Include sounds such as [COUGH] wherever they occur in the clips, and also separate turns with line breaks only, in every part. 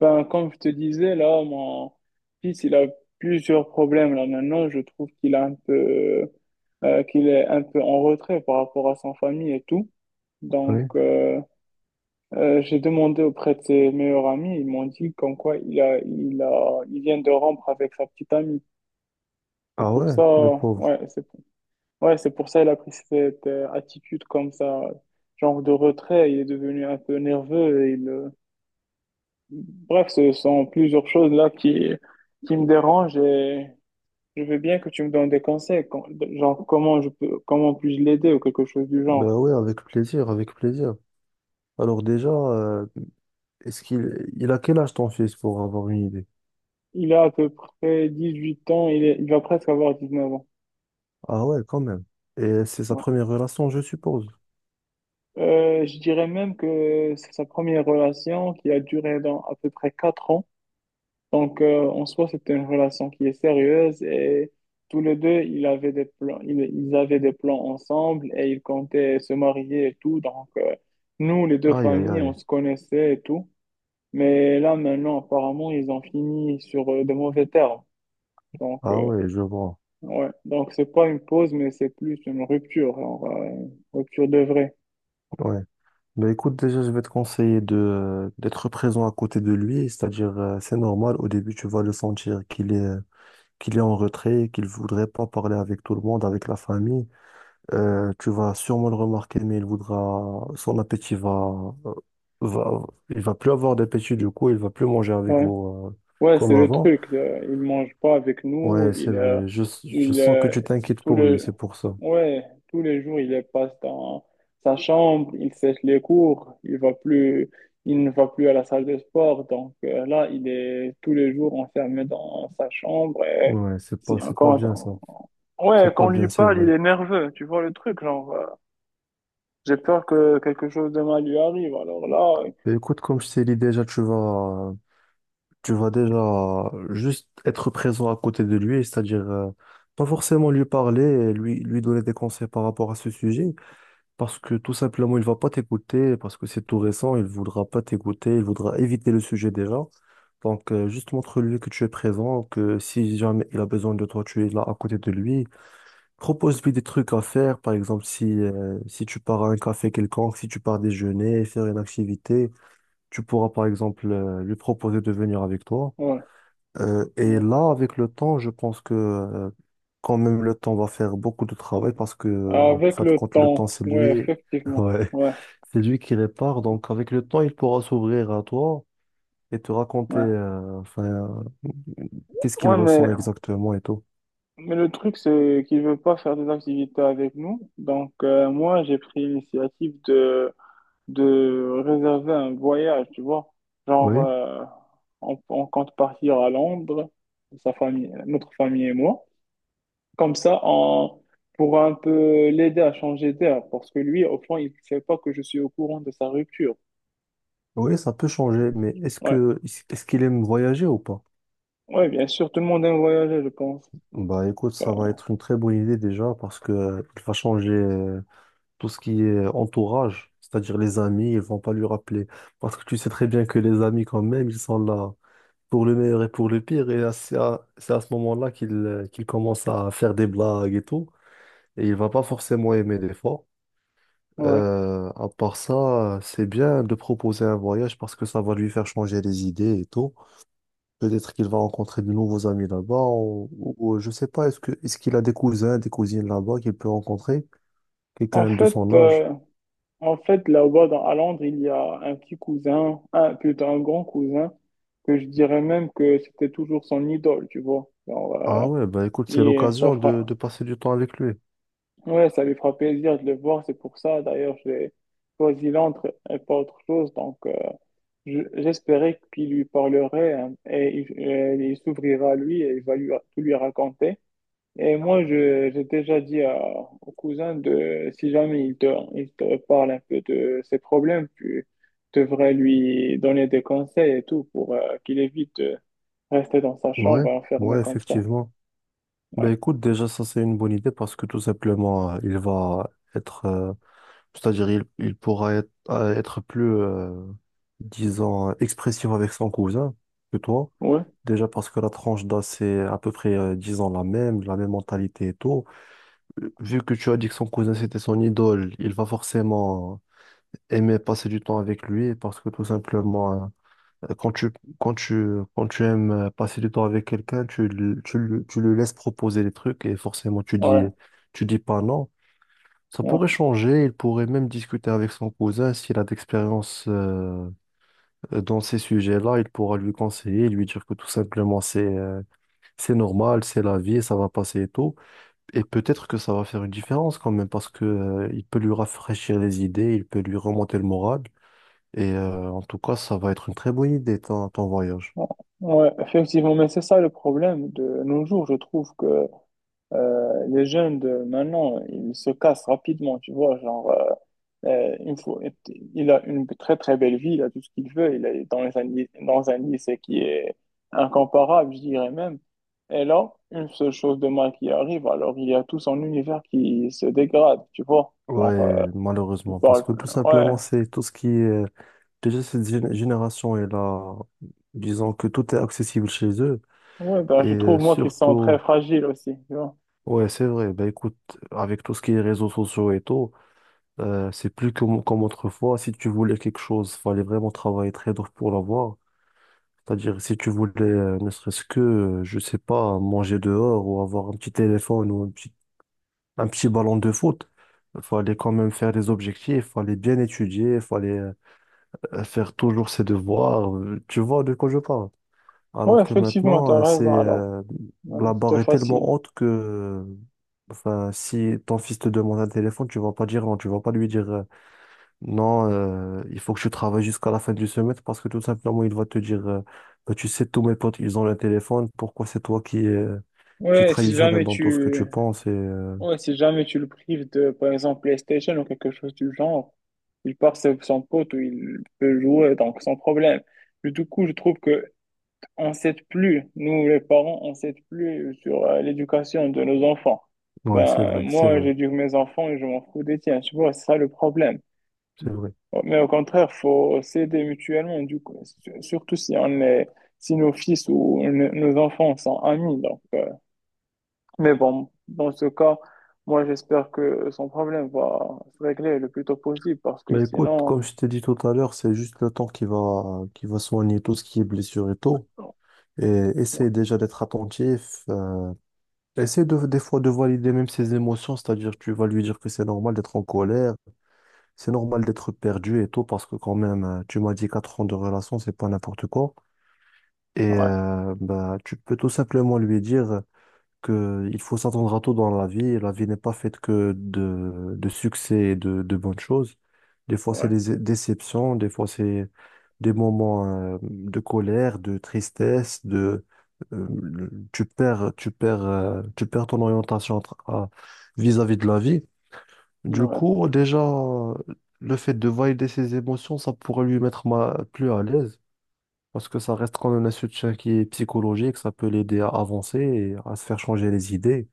Ben, comme je te disais, là, mon fils, il a plusieurs problèmes là maintenant. Je trouve qu'il a un peu, qu'il est un peu en retrait par rapport à sa famille et tout. Donc,
Oui.
euh, j'ai demandé auprès de ses meilleurs amis. Ils m'ont dit comme quoi il vient de rompre avec sa petite amie. C'est
Ah
pour
ouais,
ça,
le pauvre.
ouais, ouais, c'est pour ça il a pris cette attitude comme ça, genre de retrait. Il est devenu un peu nerveux Bref, ce sont plusieurs choses là qui me dérangent, et je veux bien que tu me donnes des conseils, genre comment puis-je l'aider ou quelque chose du
Ben
genre.
ouais, avec plaisir, avec plaisir. Alors déjà, est-ce qu'il il a quel âge ton fils pour avoir une idée?
Il a à peu près 18 ans, il va presque avoir 19 ans.
Ah ouais, quand même. Et c'est sa
Ouais.
première relation, je suppose.
Je dirais même que c'est sa première relation qui a duré dans à peu près 4. Donc, en soi, c'était une relation qui est sérieuse, et tous les deux, ils avaient des plans, ils avaient des plans ensemble et ils comptaient se marier et tout. Donc, nous, les deux
Aïe, aïe,
familles, on
aïe.
se connaissait et tout. Mais là, maintenant, apparemment, ils ont fini sur de mauvais termes. Donc,
Ah
euh,
ouais, je vois.
ouais. Donc, c'est pas une pause, mais c'est plus une rupture, genre, une rupture de vrai.
Ouais. Ben écoute, déjà, je vais te conseiller de d'être présent à côté de lui, c'est-à-dire, c'est normal, au début, tu vas le sentir qu'il est en retrait, qu'il voudrait pas parler avec tout le monde, avec la famille. Tu vas sûrement le remarquer, mais il voudra, son appétit va, va, il va plus avoir d'appétit du coup, il va plus manger avec
Ouais,
vous
ouais, c'est
comme
le
avant.
truc. Il mange pas avec nous.
Ouais, c'est vrai. Je
Il,
sens que
euh,
tu t'inquiètes
tout
pour lui,
le,
c'est pour ça.
Ouais, tous les jours, il est passe dans sa chambre, il sèche les cours, il ne va plus à la salle de sport. Donc là, il est tous les jours enfermé dans sa chambre. Et
Ouais,
c'est
c'est pas bien ça.
encore...
C'est
Ouais, quand
pas
on lui
bien, c'est
parle,
vrai.
il est nerveux. Tu vois le truc, genre, j'ai peur que quelque chose de mal lui arrive. Alors là,
Mais écoute, comme je t'ai dit déjà, tu vas déjà juste être présent à côté de lui, c'est-à-dire pas forcément lui parler, et lui donner des conseils par rapport à ce sujet, parce que tout simplement, il va pas t'écouter, parce que c'est tout récent, il voudra pas t'écouter, il voudra éviter le sujet déjà. Donc, juste montre-lui que tu es présent, que si jamais il a besoin de toi, tu es là à côté de lui. Propose-lui des trucs à faire, par exemple, si, si tu pars à un café quelconque, si tu pars déjeuner, faire une activité, tu pourras, par exemple, lui proposer de venir avec toi.
ouais,
Et
ouais.
là, avec le temps, je pense que, quand même, le temps va faire beaucoup de travail parce que, en
Avec
fin de
le
compte, le temps,
temps,
c'est
ouais,
lui. [LAUGHS]
effectivement.
Ouais.
Ouais,
C'est lui qui répare, donc avec le temps, il pourra s'ouvrir à toi et te raconter
ouais.
enfin, qu'est-ce qu'il
Ouais, mais
ressent exactement et tout.
Mais le truc, c'est qu'il veut pas faire des activités avec nous. Donc, moi, j'ai pris l'initiative de réserver un voyage, tu vois. Genre,
Oui,
on compte partir à Londres, sa famille, notre famille et moi. Comme ça, on pourra un peu l'aider à changer d'air. Parce que lui, au fond, il ne sait pas que je suis au courant de sa rupture.
oui, ça peut changer, mais est-ce
Ouais,
que est-ce qu'il aime voyager ou pas?
ouais, bien sûr, tout le monde aime voyager, je pense.
Bah écoute, ça va
Enfin,
être une très bonne idée déjà parce que il va changer tout ce qui est entourage, c'est-à-dire les amis, ils vont pas lui rappeler. Parce que tu sais très bien que les amis quand même, ils sont là pour le meilleur et pour le pire, et c'est c'est à ce moment-là qu'il qu'il commence à faire des blagues et tout. Et il va pas forcément aimer l'effort.
ouais.
À part ça, c'est bien de proposer un voyage parce que ça va lui faire changer les idées et tout. Peut-être qu'il va rencontrer de nouveaux amis là-bas ou je sais pas, est-ce que est-ce qu'il a des cousins, des cousines là-bas qu'il peut rencontrer,
En
quelqu'un de
fait,
son âge?
euh, En fait, là-bas, à Londres, il y a un petit cousin, plutôt un grand cousin, que je dirais même que c'était toujours son idole, tu vois. Genre,
Ah ouais, bah écoute, c'est
et ça
l'occasion
fera...
de passer du temps avec lui.
Ouais, ça lui fera plaisir de le voir, c'est pour ça d'ailleurs j'ai choisi Londres et pas autre chose. Donc, j'espérais qu'il lui parlerait hein, et il s'ouvrira à lui et il va lui, tout lui raconter. Et moi, j'ai déjà dit à, au cousin de, si jamais il te parle un peu de ses problèmes, tu devrais lui donner des conseils et tout pour qu'il évite de rester dans sa
Ouais,
chambre enfermé
ouais,
comme ça.
effectivement. Bah
Ouais,
écoute, déjà ça c'est une bonne idée parce que tout simplement, il va être c'est-à-dire, il pourra être, être plus, disons, expressif avec son cousin que toi.
ouais,
Déjà parce que la tranche d'âge, c'est à peu près, disons, la même mentalité et tout. Vu que tu as dit que son cousin, c'était son idole, il va forcément aimer passer du temps avec lui parce que tout simplement, euh, quand tu, quand tu, quand tu aimes passer du temps avec quelqu'un, tu le laisses proposer des trucs et forcément,
ouais,
tu dis pas non. Ça
ouais.
pourrait changer, il pourrait même discuter avec son cousin s'il a d'expérience dans ces sujets-là, il pourra lui conseiller, lui dire que tout simplement c'est normal, c'est la vie, ça va passer et tout. Et peut-être que ça va faire une différence quand même parce que il peut lui rafraîchir les idées, il peut lui remonter le moral. Et en tout cas, ça va être une très bonne idée ton voyage.
Ouais. Ouais, effectivement, mais c'est ça le problème de nos jours. Je trouve que les jeunes de maintenant, ils se cassent rapidement, tu vois. Genre, il faut, il a une très très belle vie, il a tout ce qu'il veut, il est dans un, dans un lycée qui est incomparable, je dirais même. Et là, une seule chose de mal qui arrive, alors il y a tout son univers qui se dégrade, tu vois.
Ouais,
Genre, il
malheureusement, parce
parle,
que tout
ouais,
simplement c'est tout ce qui est déjà cette génération est là, disons que tout est accessible chez eux.
ouais, ben,
Et
je trouve moi qu'ils sont très fragiles aussi, tu vois.
ouais, c'est vrai. Bah écoute, avec tout ce qui est réseaux sociaux et tout, c'est plus comme autrefois. Si tu voulais quelque chose, fallait vraiment travailler très dur pour l'avoir. C'est-à-dire, si tu voulais, ne serait-ce que, je sais pas, manger dehors ou avoir un petit téléphone ou un un petit ballon de foot, fallait quand même faire des objectifs, fallait bien étudier, fallait faire toujours ses devoirs. Tu vois de quoi je parle?
Ouais,
Alors que
effectivement, t'as
maintenant, c'est
raison, alors, ouais,
la
c'était
barre est
facile.
tellement haute que enfin, si ton fils te demande un téléphone, tu vas pas dire non, tu vas pas lui dire non, il faut que tu travailles jusqu'à la fin du semestre parce que tout simplement, il va te dire bah, tu sais, tous mes potes, ils ont le téléphone, pourquoi c'est toi qui es
Ouais, si
traditionnel
jamais
dans tout ce que
tu,
tu penses?
Ouais, si jamais tu le prives de, par exemple, PlayStation ou quelque chose du genre, il part avec son pote ou il peut jouer, donc sans problème. Mais du coup, je trouve que on s'aide plus, nous les parents, on s'aide plus sur l'éducation de nos enfants.
Ouais,
Ben, moi, j'éduque mes enfants et je m'en fous des tiens, tu vois, c'est ça le problème.
c'est vrai.
Mais au contraire, faut s'aider mutuellement, du coup, surtout si on est, si nos fils ou nos enfants sont amis, donc. Mais bon, dans ce cas, moi, j'espère que son problème va se régler le plus tôt possible parce que
Mais écoute,
sinon,
comme je t'ai dit tout à l'heure, c'est juste le temps qui va soigner tout ce qui est blessure et tout.
ouais,
Et essaye déjà d'être attentif. Essaie des fois de valider même ses émotions, c'est-à-dire tu vas lui dire que c'est normal d'être en colère, c'est normal d'être perdu et tout, parce que quand même, tu m'as dit 4 ans de relation, c'est pas n'importe quoi.
ouais,
Bah, tu peux tout simplement lui dire que il faut s'attendre à tout dans la vie. La vie n'est pas faite que de succès et de bonnes choses. Des fois, c'est
ouais.
des déceptions, des fois, c'est des moments de colère, de tristesse, de tu perds, tu perds ton orientation vis-à-vis de la vie. Du
Ouais,
coup, déjà, le fait de valider ses émotions, ça pourrait lui mettre plus à l'aise. Parce que ça reste quand même un soutien qui est psychologique, ça peut l'aider à avancer et à se faire changer les idées.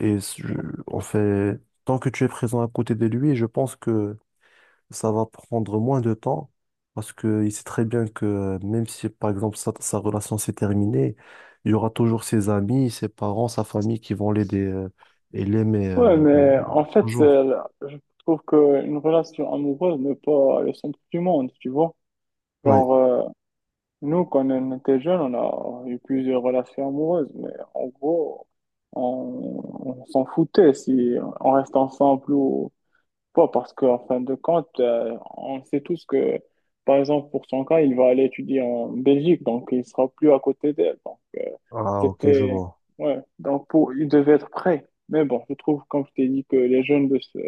Et s- je- en fait, Tant que tu es présent à côté de lui, je pense que ça va prendre moins de temps parce qu'il sait très bien que même si, par exemple, sa relation s'est terminée, il y aura toujours ses amis, ses parents, sa famille qui vont l'aider et l'aimer
ouais, mais en fait,
toujours.
je trouve qu'une relation amoureuse n'est pas le centre du monde, tu vois.
Oui.
Genre, nous, quand on était jeunes, on a eu plusieurs relations amoureuses, mais en gros, on, on s'en foutait si on reste ensemble ou pourquoi? Parce qu'en fin de compte, on sait tous que, par exemple, pour son cas, il va aller étudier en Belgique, donc il sera plus à côté d'elle. Donc,
Ah, ok, je
c'était.
vois.
Ouais, donc pour... il devait être prêt. Mais bon, je trouve, comme je t'ai dit, que les jeunes de ce,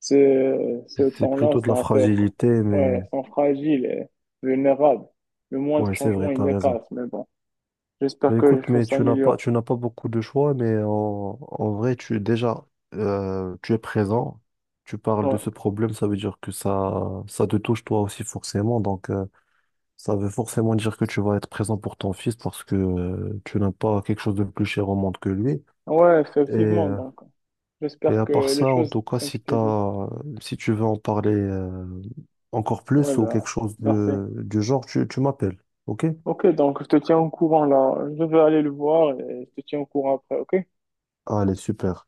ce, ce
C'est
temps-là
plutôt de la
sont un peu.
fragilité, mais
Ouais, sont fragiles et vulnérables. Le moindre
ouais, c'est
changement,
vrai,
il
t'as
les
raison.
casse. Mais bon, j'espère
Ben
que les
écoute, mais
choses s'améliorent.
tu n'as pas beaucoup de choix, mais en vrai, tu déjà, tu es présent, tu parles de
Ouais.
ce problème, ça veut dire que ça te touche toi aussi forcément, donc ça veut forcément dire que tu vas être présent pour ton fils parce que tu n'as pas quelque chose de plus cher au monde que lui.
Ouais,
Et,
effectivement.
euh,
Donc,
et
j'espère
à
que
part
les
ça, en
choses,
tout cas,
comme
si
je t'ai dit.
t'as, si tu veux en parler encore
Ouais,
plus ou
bah,
quelque chose
merci.
du genre, tu m'appelles, ok?
Ok, donc je te tiens au courant là. Je vais aller le voir et je te tiens au courant après, ok?
Allez, super,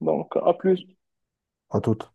Donc, à plus.
à toute.